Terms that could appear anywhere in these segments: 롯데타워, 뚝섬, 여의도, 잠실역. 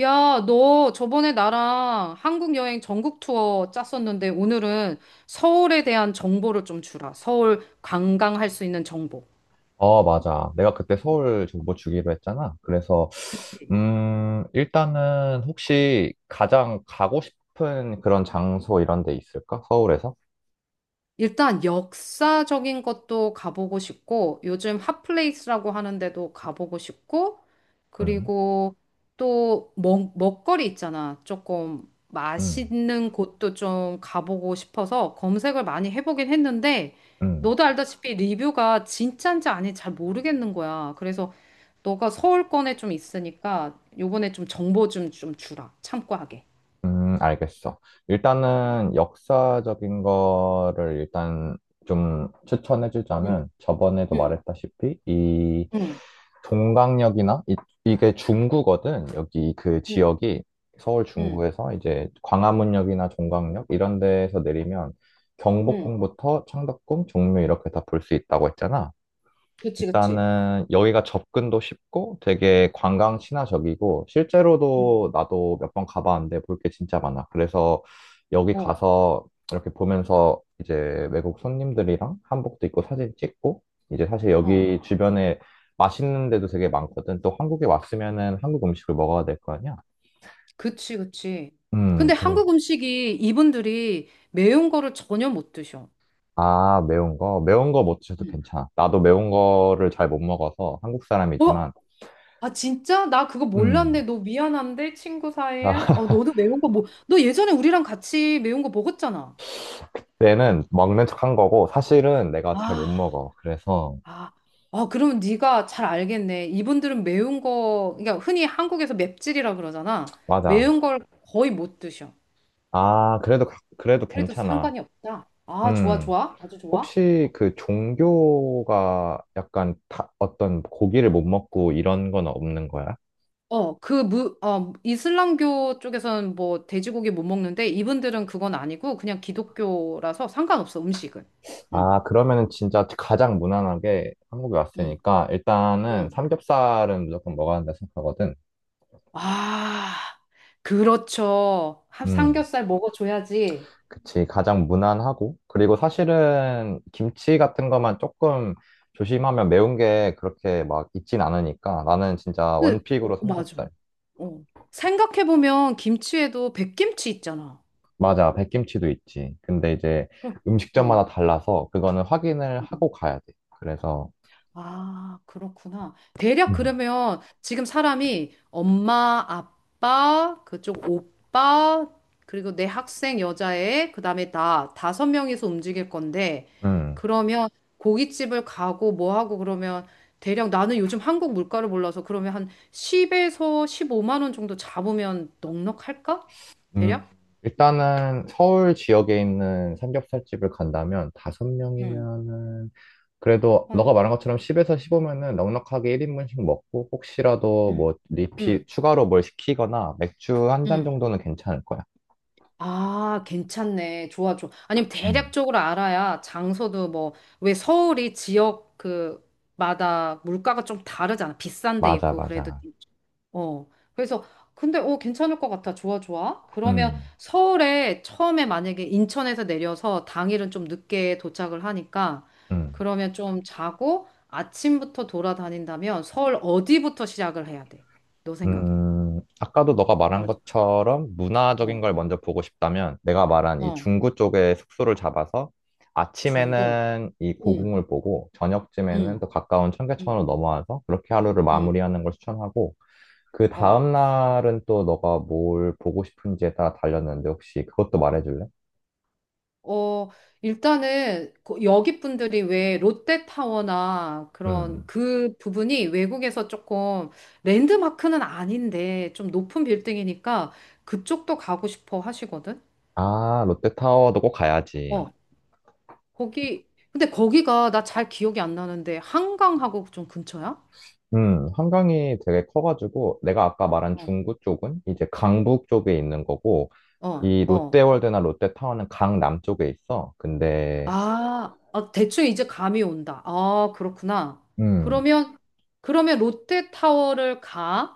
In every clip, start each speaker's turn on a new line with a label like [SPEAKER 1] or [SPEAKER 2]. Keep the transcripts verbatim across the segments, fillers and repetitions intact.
[SPEAKER 1] 야, 너 저번에 나랑 한국 여행 전국 투어 짰었는데 오늘은 서울에 대한 정보를 좀 주라. 서울 관광할 수 있는 정보.
[SPEAKER 2] 어, 맞아. 내가 그때 서울 정보 주기로 했잖아. 그래서,
[SPEAKER 1] 그치.
[SPEAKER 2] 음, 일단은 혹시 가장 가고 싶은 그런 장소 이런 데 있을까? 서울에서?
[SPEAKER 1] 일단 역사적인 것도 가보고 싶고, 요즘 핫플레이스라고 하는데도 가보고 싶고,
[SPEAKER 2] 음,
[SPEAKER 1] 그리고 또 먹, 먹거리 있잖아. 조금
[SPEAKER 2] 음,
[SPEAKER 1] 맛있는 곳도 좀 가보고 싶어서 검색을 많이 해보긴 했는데,
[SPEAKER 2] 음.
[SPEAKER 1] 너도 알다시피 리뷰가 진짜인지 아닌지 잘 모르겠는 거야. 그래서 너가 서울권에 좀 있으니까 요번에 좀 정보 좀, 좀 주라. 참고하게.
[SPEAKER 2] 음, 알겠어. 일단은 역사적인 거를 일단 좀
[SPEAKER 1] 응,
[SPEAKER 2] 추천해주자면 저번에도
[SPEAKER 1] 응,
[SPEAKER 2] 말했다시피 이
[SPEAKER 1] 응,
[SPEAKER 2] 동강역이나 이, 이게 중구거든. 여기 그
[SPEAKER 1] 응,
[SPEAKER 2] 지역이 서울
[SPEAKER 1] 응,
[SPEAKER 2] 중구에서 이제 광화문역이나 종강역 이런 데에서 내리면
[SPEAKER 1] 응.
[SPEAKER 2] 경복궁부터 창덕궁, 종묘 이렇게 다 볼 수 있다고 했잖아.
[SPEAKER 1] 그치, 그치.
[SPEAKER 2] 일단은 여기가 접근도 쉽고 되게 관광 친화적이고
[SPEAKER 1] 응.
[SPEAKER 2] 실제로도 나도 몇 번 가봤는데 볼 게 진짜 많아. 그래서 여기
[SPEAKER 1] 어.
[SPEAKER 2] 가서 이렇게 보면서 이제 외국 손님들이랑 한복도 입고 사진 찍고 이제 사실
[SPEAKER 1] 어,
[SPEAKER 2] 여기 주변에 맛있는 데도 되게 많거든. 또 한국에 왔으면은 한국 음식을 먹어야 될 거 아니야?
[SPEAKER 1] 그치, 그치.
[SPEAKER 2] 음,
[SPEAKER 1] 근데
[SPEAKER 2] 그래.
[SPEAKER 1] 한국 음식이 이분들이 매운 거를 전혀 못 드셔.
[SPEAKER 2] 아, 매운 거. 매운 거 못 드셔도
[SPEAKER 1] 음.
[SPEAKER 2] 괜찮아. 나도 매운 거를 잘 못 먹어서 한국
[SPEAKER 1] 어?
[SPEAKER 2] 사람이지만
[SPEAKER 1] 아, 진짜? 나 그거 몰랐네.
[SPEAKER 2] 음.
[SPEAKER 1] 너 미안한데, 친구 사이에?
[SPEAKER 2] 아,
[SPEAKER 1] 어, 너도 매운 거 뭐, 너 예전에 우리랑 같이 매운 거 먹었잖아.
[SPEAKER 2] 얘는 먹는 척한 거고 사실은 내가 잘 못
[SPEAKER 1] 아,
[SPEAKER 2] 먹어. 그래서
[SPEAKER 1] 아, 아, 그러면 네가 잘 알겠네. 이분들은 매운 거, 그러니까 흔히 한국에서 맵찔이라 그러잖아.
[SPEAKER 2] 맞아.
[SPEAKER 1] 매운 걸 거의 못 드셔.
[SPEAKER 2] 아, 그래도 가- 그래도
[SPEAKER 1] 그래도
[SPEAKER 2] 괜찮아.
[SPEAKER 1] 상관이 없다. 아, 좋아,
[SPEAKER 2] 음.
[SPEAKER 1] 좋아. 아주 좋아.
[SPEAKER 2] 혹시 그 종교가 약간 다- 어떤 고기를 못 먹고 이런 건 없는 거야?
[SPEAKER 1] 어, 그 무, 어, 이슬람교 쪽에서는 뭐 돼지고기 못 먹는데 이분들은 그건 아니고 그냥 기독교라서 상관없어, 음식은. 응,
[SPEAKER 2] 아, 그러면은 진짜 가장 무난하게 한국에
[SPEAKER 1] 응,
[SPEAKER 2] 왔으니까 일단은
[SPEAKER 1] 응.
[SPEAKER 2] 삼겹살은 무조건 먹어야 한다 생각하거든.
[SPEAKER 1] 아, 그렇죠. 하-
[SPEAKER 2] 음.
[SPEAKER 1] 삼겹살 먹어줘야지.
[SPEAKER 2] 그치, 가장 무난하고. 그리고 사실은 김치 같은 것만 조금 조심하면 매운 게 그렇게 막 있진 않으니까 나는 진짜
[SPEAKER 1] 그,
[SPEAKER 2] 원픽으로
[SPEAKER 1] 어, 맞아.
[SPEAKER 2] 삼겹살.
[SPEAKER 1] 어. 생각해보면 김치에도 백김치 있잖아.
[SPEAKER 2] 맞아, 백김치도 있지. 근데 이제
[SPEAKER 1] 응, 응.
[SPEAKER 2] 음식점마다 달라서 그거는 확인을
[SPEAKER 1] 응.
[SPEAKER 2] 하고 가야 돼. 그래서,
[SPEAKER 1] 아, 그렇구나. 대략
[SPEAKER 2] 음,
[SPEAKER 1] 그러면 지금 사람이 엄마, 아빠, 그쪽 오빠, 그리고 내 학생 여자애, 그다음에 나 다섯 명이서 움직일 건데
[SPEAKER 2] 음,
[SPEAKER 1] 그러면 고깃집을 가고 뭐 하고 그러면 대략 나는 요즘 한국 물가를 몰라서 그러면 한 십에서 십오만 원 정도 잡으면 넉넉할까?
[SPEAKER 2] 음.
[SPEAKER 1] 대략?
[SPEAKER 2] 일단은 서울 지역에 있는 삼겹살집을 간다면 다섯
[SPEAKER 1] 응.
[SPEAKER 2] 명이면은 그래도
[SPEAKER 1] 한
[SPEAKER 2] 너가 말한 것처럼 십에서 십오면은 넉넉하게 일인분씩 먹고 혹시라도
[SPEAKER 1] 응.
[SPEAKER 2] 뭐 리필
[SPEAKER 1] 응.
[SPEAKER 2] 추가로 뭘 시키거나 맥주 한 잔
[SPEAKER 1] 응.
[SPEAKER 2] 정도는 괜찮을 거야.
[SPEAKER 1] 아, 괜찮네. 좋아, 좋아. 아니면
[SPEAKER 2] 음,
[SPEAKER 1] 대략적으로 알아야 장소도 뭐, 왜 서울이 지역 그, 마다 물가가 좀 다르잖아. 비싼 데
[SPEAKER 2] 맞아,
[SPEAKER 1] 있고, 그래도.
[SPEAKER 2] 맞아.
[SPEAKER 1] 어. 그래서, 근데, 어, 괜찮을 것 같아. 좋아, 좋아. 그러면
[SPEAKER 2] 음,
[SPEAKER 1] 서울에 처음에 만약에 인천에서 내려서 당일은 좀 늦게 도착을 하니까,
[SPEAKER 2] 음,
[SPEAKER 1] 그러면 좀 자고 아침부터 돌아다닌다면 서울 어디부터 시작을 해야 돼? 너 생각에.
[SPEAKER 2] 음. 아까도 너가 말한
[SPEAKER 1] 장-
[SPEAKER 2] 것처럼 문화적인
[SPEAKER 1] 어,
[SPEAKER 2] 걸 먼저 보고 싶다면 내가 말한 이
[SPEAKER 1] 어,
[SPEAKER 2] 중구 쪽에 숙소를 잡아서
[SPEAKER 1] 중국.
[SPEAKER 2] 아침에는 이
[SPEAKER 1] 응,
[SPEAKER 2] 고궁을 보고 저녁쯤에는
[SPEAKER 1] 응,
[SPEAKER 2] 또 가까운
[SPEAKER 1] 응.
[SPEAKER 2] 청계천으로 넘어와서 그렇게 하루를
[SPEAKER 1] 응,
[SPEAKER 2] 마무리하는 걸 추천하고 그
[SPEAKER 1] 어,
[SPEAKER 2] 다음 날은 또 너가 뭘 보고 싶은지에 따라 달렸는데 혹시 그것도 말해줄래?
[SPEAKER 1] 어, 일단은 그 여기 분들이 왜 롯데타워나 그런
[SPEAKER 2] 음,
[SPEAKER 1] 그 부분이 외국에서 조금 랜드마크는 아닌데 좀 높은 빌딩이니까 그쪽도 가고 싶어 하시거든?
[SPEAKER 2] 아, 롯데타워도 꼭 가야지.
[SPEAKER 1] 어, 거기, 근데 거기가 나 잘 기억이 안 나는데 한강하고 좀 근처야?
[SPEAKER 2] 음, 한강이 되게 커가지고, 내가 아까 말한
[SPEAKER 1] 어,
[SPEAKER 2] 중구 쪽은 이제 강북 쪽에 있는 거고,
[SPEAKER 1] 어,
[SPEAKER 2] 이
[SPEAKER 1] 어.
[SPEAKER 2] 롯데월드나 롯데타워는 강남 쪽에 있어. 근데,
[SPEAKER 1] 아, 아, 대충 이제 감이 온다. 아, 그렇구나.
[SPEAKER 2] 음,
[SPEAKER 1] 그러면, 그러면 롯데타워를 가.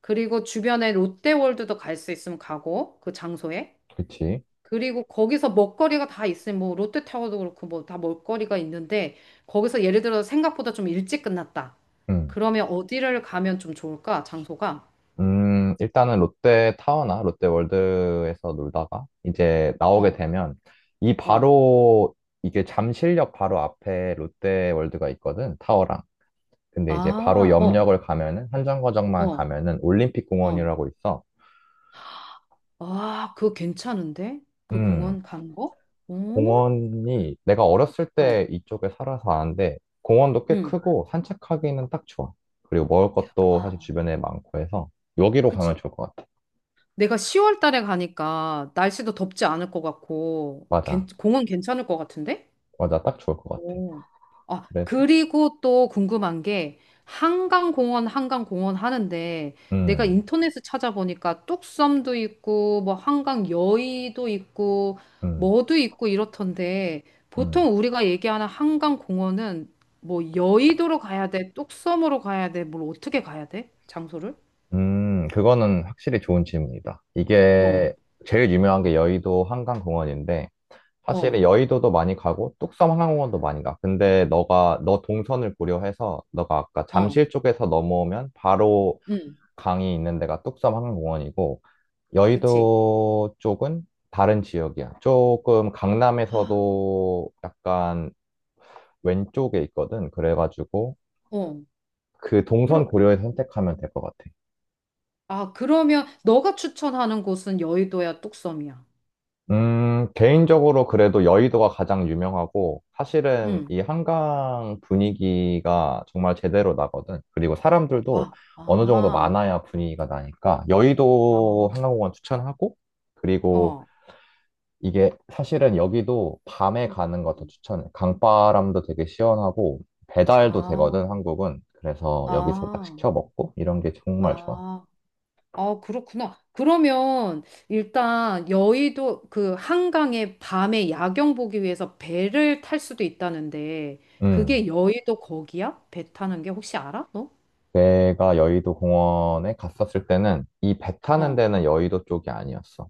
[SPEAKER 1] 그리고 주변에 롯데월드도 갈 수 있으면 가고, 그 장소에.
[SPEAKER 2] 그치.
[SPEAKER 1] 그리고 거기서 먹거리가 다 있으면, 뭐, 롯데타워도 그렇고, 뭐, 다 먹거리가 있는데, 거기서 예를 들어 생각보다 좀 일찍 끝났다. 그러면 어디를 가면 좀 좋을까? 장소가?
[SPEAKER 2] 음, 일단은 롯데 타워나 롯데 월드에서 놀다가 이제 나오게
[SPEAKER 1] 어,
[SPEAKER 2] 되면 이
[SPEAKER 1] 어.
[SPEAKER 2] 바로 이게 잠실역 바로 앞에 롯데 월드가 있거든, 타워랑. 근데 이제 바로
[SPEAKER 1] 아, 어,
[SPEAKER 2] 옆역을 가면은 한정거장만
[SPEAKER 1] 어,
[SPEAKER 2] 가면은
[SPEAKER 1] 어.
[SPEAKER 2] 올림픽공원이라고 있어.
[SPEAKER 1] 아, 그거 괜찮은데? 그
[SPEAKER 2] 음,
[SPEAKER 1] 공원 간 거? 어
[SPEAKER 2] 공원이 내가 어렸을
[SPEAKER 1] 어.
[SPEAKER 2] 때 이쪽에 살아서 아는데 공원도 꽤
[SPEAKER 1] 응.
[SPEAKER 2] 크고 산책하기는 딱 좋아. 그리고 먹을 것도 사실
[SPEAKER 1] 와,
[SPEAKER 2] 주변에 많고 해서 여기로
[SPEAKER 1] 그치.
[SPEAKER 2] 가면 좋을 것 같아.
[SPEAKER 1] 내가 시월 달에 가니까 날씨도 덥지 않을 것 같고,
[SPEAKER 2] 맞아.
[SPEAKER 1] 괜- 공원 괜찮을 것 같은데?
[SPEAKER 2] 맞아. 딱 좋을 것 같아.
[SPEAKER 1] 오. 아,
[SPEAKER 2] 그래서
[SPEAKER 1] 그리고 또 궁금한 게, 한강공원, 한강공원 하는데, 내가
[SPEAKER 2] 음.
[SPEAKER 1] 인터넷에 찾아보니까 뚝섬도 있고, 뭐 한강 여의도 있고,
[SPEAKER 2] 음,
[SPEAKER 1] 뭐도 있고 이렇던데,
[SPEAKER 2] 음,
[SPEAKER 1] 보통 우리가 얘기하는 한강공원은 뭐 여의도로 가야 돼, 뚝섬으로 가야 돼, 뭘 어떻게 가야 돼? 장소를?
[SPEAKER 2] 음, 그거는 확실히 좋은 질문이다.
[SPEAKER 1] 어,
[SPEAKER 2] 이게 제일 유명한 게 여의도 한강공원인데,
[SPEAKER 1] 어,
[SPEAKER 2] 사실 여의도도 많이 가고, 뚝섬 한강공원도 많이 가. 근데 너가, 너 동선을 고려해서, 너가 아까
[SPEAKER 1] 어.
[SPEAKER 2] 잠실 쪽에서 넘어오면 바로
[SPEAKER 1] 응,
[SPEAKER 2] 강이 있는 데가 뚝섬 한강공원이고,
[SPEAKER 1] 그치.
[SPEAKER 2] 여의도 쪽은 다른 지역이야. 조금
[SPEAKER 1] 아,
[SPEAKER 2] 강남에서도 약간 왼쪽에 있거든. 그래가지고,
[SPEAKER 1] 어,
[SPEAKER 2] 그 동선
[SPEAKER 1] 그러,
[SPEAKER 2] 고려해서 선택하면 될 것 같아.
[SPEAKER 1] 아, 그러면 너가 추천하는 곳은 여의도야, 뚝섬이야?
[SPEAKER 2] 음, 개인적으로 그래도 여의도가 가장 유명하고, 사실은
[SPEAKER 1] 응.
[SPEAKER 2] 이 한강 분위기가 정말 제대로 나거든. 그리고 사람들도
[SPEAKER 1] 아,
[SPEAKER 2] 어느 정도
[SPEAKER 1] 아,
[SPEAKER 2] 많아야 분위기가 나니까, 여의도
[SPEAKER 1] 아,
[SPEAKER 2] 한강공원 추천하고, 그리고
[SPEAKER 1] 어,
[SPEAKER 2] 이게 사실은 여기도 밤에 가는 거 더
[SPEAKER 1] 음.
[SPEAKER 2] 추천해. 강바람도 되게 시원하고, 배달도
[SPEAKER 1] 아,
[SPEAKER 2] 되거든, 한국은. 그래서 여기서 딱
[SPEAKER 1] 아,
[SPEAKER 2] 시켜 먹고, 이런 게 정말 좋아.
[SPEAKER 1] 아, 아, 그렇구나. 그러면 일단 여의도 그 한강에 밤에 야경 보기 위해서 배를 탈 수도 있다는데
[SPEAKER 2] 음.
[SPEAKER 1] 그게 여의도 거기야? 배 타는 게 혹시 알아? 너?
[SPEAKER 2] 내가 여의도 공원에 갔었을 때는 이 배 타는
[SPEAKER 1] 어.
[SPEAKER 2] 데는 여의도 쪽이 아니었어.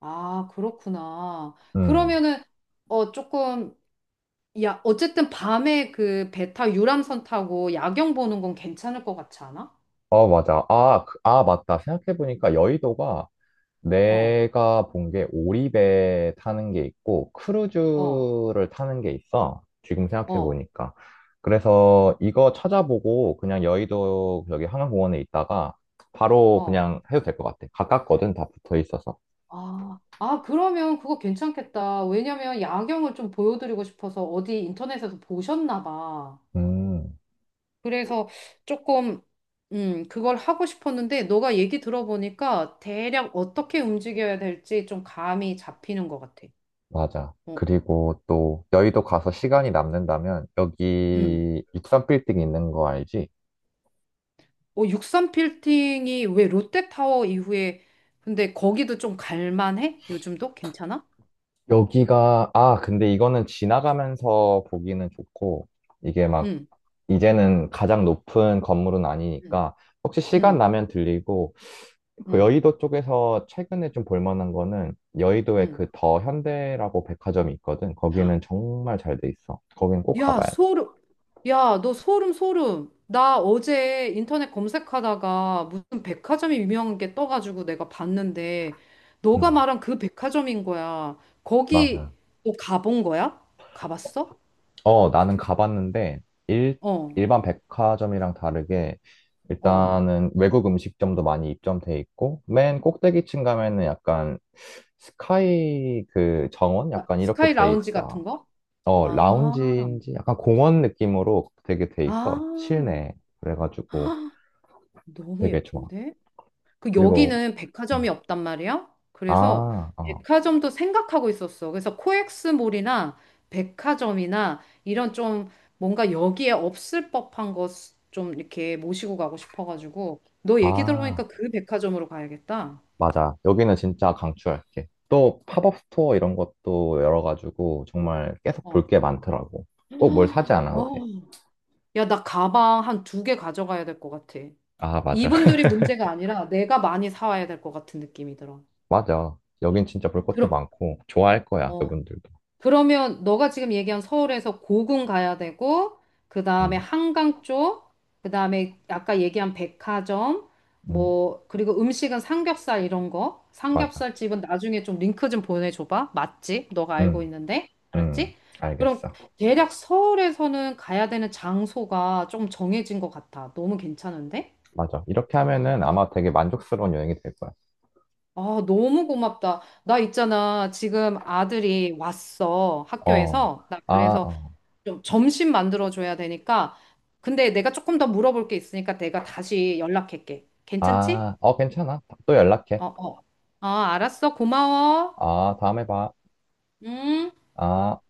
[SPEAKER 1] 아, 그렇구나.
[SPEAKER 2] 음.
[SPEAKER 1] 그러면은 어 조금 야, 어쨌든 밤에 그 베타 유람선 타고 야경 보는 건 괜찮을 것 같지 않아?
[SPEAKER 2] 어, 맞아. 아, 그- 아, 맞다. 생각해보니까 여의도가
[SPEAKER 1] 어,
[SPEAKER 2] 내가 본 게 오리배 타는 게 있고
[SPEAKER 1] 어,
[SPEAKER 2] 크루즈를 타는 게 있어. 지금
[SPEAKER 1] 어,
[SPEAKER 2] 생각해보니까. 그래서 이거 찾아보고 그냥 여의도 여기 한강공원에 있다가 바로
[SPEAKER 1] 어.
[SPEAKER 2] 그냥 해도 될 것 같아. 가깝거든. 다 붙어 있어서.
[SPEAKER 1] 아, 아, 그러면 그거 괜찮겠다. 왜냐면 야경을 좀 보여드리고 싶어서 어디 인터넷에서 보셨나 봐.
[SPEAKER 2] 음.
[SPEAKER 1] 그래서 조금, 음, 그걸 하고 싶었는데 너가 얘기 들어보니까 대략 어떻게 움직여야 될지 좀 감이 잡히는 것 같아.
[SPEAKER 2] 맞아.
[SPEAKER 1] 어,
[SPEAKER 2] 그리고 또 여의도 가서 시간이 남는다면
[SPEAKER 1] 음.
[SPEAKER 2] 여기 육삼 빌딩 있는 거 알지?
[SPEAKER 1] 어, 육삼 빌딩이 왜 롯데타워 이후에 근데 거기도 좀 갈만해? 요즘도 괜찮아?
[SPEAKER 2] 여기가 아 근데 이거는 지나가면서 보기는 좋고 이게 막
[SPEAKER 1] 응,
[SPEAKER 2] 이제는 가장 높은 건물은
[SPEAKER 1] 응,
[SPEAKER 2] 아니니까 혹시 시간
[SPEAKER 1] 응,
[SPEAKER 2] 나면 들리고 그
[SPEAKER 1] 응,
[SPEAKER 2] 여의도 쪽에서 최근에 좀 볼만한 거는 여의도에
[SPEAKER 1] 응.
[SPEAKER 2] 그 더 현대라고 백화점이 있거든. 거기는 정말 잘 돼 있어. 거긴 꼭
[SPEAKER 1] 야,
[SPEAKER 2] 가봐야 돼.
[SPEAKER 1] 소름. 야, 너 소름, 소름. 나 어제 인터넷 검색하다가 무슨 백화점이 유명한 게 떠가지고 내가 봤는데 너가
[SPEAKER 2] 음,
[SPEAKER 1] 말한 그 백화점인 거야. 거기
[SPEAKER 2] 맞아.
[SPEAKER 1] 너 가본 거야? 가봤어?
[SPEAKER 2] 어, 나는 가봤는데, 일,
[SPEAKER 1] 어,
[SPEAKER 2] 일반 백화점이랑 다르게,
[SPEAKER 1] 어.
[SPEAKER 2] 일단은 외국 음식점도 많이 입점돼 있고, 맨 꼭대기층 가면은 약간 스카이 그 정원? 약간 이렇게
[SPEAKER 1] 스카이
[SPEAKER 2] 돼
[SPEAKER 1] 라운지 같은
[SPEAKER 2] 있어.
[SPEAKER 1] 거?
[SPEAKER 2] 어,
[SPEAKER 1] 아,
[SPEAKER 2] 라운지인지 약간 공원 느낌으로 되게 돼
[SPEAKER 1] 아.
[SPEAKER 2] 있어. 실내. 그래가지고
[SPEAKER 1] 너무
[SPEAKER 2] 되게 좋아.
[SPEAKER 1] 예쁜데? 그
[SPEAKER 2] 그리고,
[SPEAKER 1] 여기는 백화점이
[SPEAKER 2] 음.
[SPEAKER 1] 없단 말이야? 그래서
[SPEAKER 2] 아, 어,
[SPEAKER 1] 백화점도 생각하고 있었어. 그래서 코엑스몰이나 백화점이나 이런 좀 뭔가 여기에 없을 법한 것 좀 이렇게 모시고 가고 싶어가지고 너 얘기
[SPEAKER 2] 아.
[SPEAKER 1] 들어보니까 그 백화점으로 가야겠다.
[SPEAKER 2] 맞아. 여기는 진짜 강추할게. 또 팝업 스토어 이런 것도 열어가지고 정말 계속
[SPEAKER 1] 어.
[SPEAKER 2] 볼 게 많더라고. 꼭 뭘 사지
[SPEAKER 1] 어.
[SPEAKER 2] 않아도 돼.
[SPEAKER 1] 야, 나 가방 한 두 개 가져가야 될 것 같아.
[SPEAKER 2] 아, 맞아.
[SPEAKER 1] 이분들이 문제가 아니라 내가 많이 사와야 될 것 같은 느낌이 들어.
[SPEAKER 2] 맞아. 여긴 진짜 볼 것도
[SPEAKER 1] 그럼.
[SPEAKER 2] 많고 좋아할 거야,
[SPEAKER 1] 어.
[SPEAKER 2] 그분들도.
[SPEAKER 1] 그러면 너가 지금 얘기한 서울에서 고궁 가야 되고, 그 다음에
[SPEAKER 2] 음,
[SPEAKER 1] 한강 쪽, 그 다음에 아까 얘기한 백화점,
[SPEAKER 2] 음,
[SPEAKER 1] 뭐, 그리고 음식은 삼겹살 이런 거.
[SPEAKER 2] 맞아.
[SPEAKER 1] 삼겹살 집은 나중에 좀 링크 좀 보내줘봐. 맛집, 너가 알고
[SPEAKER 2] 음,
[SPEAKER 1] 있는데.
[SPEAKER 2] 음,
[SPEAKER 1] 알았지? 그럼
[SPEAKER 2] 알겠어.
[SPEAKER 1] 대략 서울에서는 가야 되는 장소가 좀 정해진 것 같아. 너무 괜찮은데?
[SPEAKER 2] 맞아. 이렇게 하면은 아마 되게 만족스러운 여행이 될 거야.
[SPEAKER 1] 아, 너무 고맙다. 나 있잖아. 지금 아들이 왔어.
[SPEAKER 2] 어,
[SPEAKER 1] 학교에서. 나
[SPEAKER 2] 아,
[SPEAKER 1] 그래서
[SPEAKER 2] 어,
[SPEAKER 1] 좀 점심 만들어줘야 되니까. 근데 내가 조금 더 물어볼 게 있으니까 내가 다시 연락할게. 괜찮지?
[SPEAKER 2] 아, 어, 괜찮아. 또 연락해.
[SPEAKER 1] 어, 어. 어, 알았어. 고마워.
[SPEAKER 2] 아, 다음에 봐.
[SPEAKER 1] 음.
[SPEAKER 2] 아.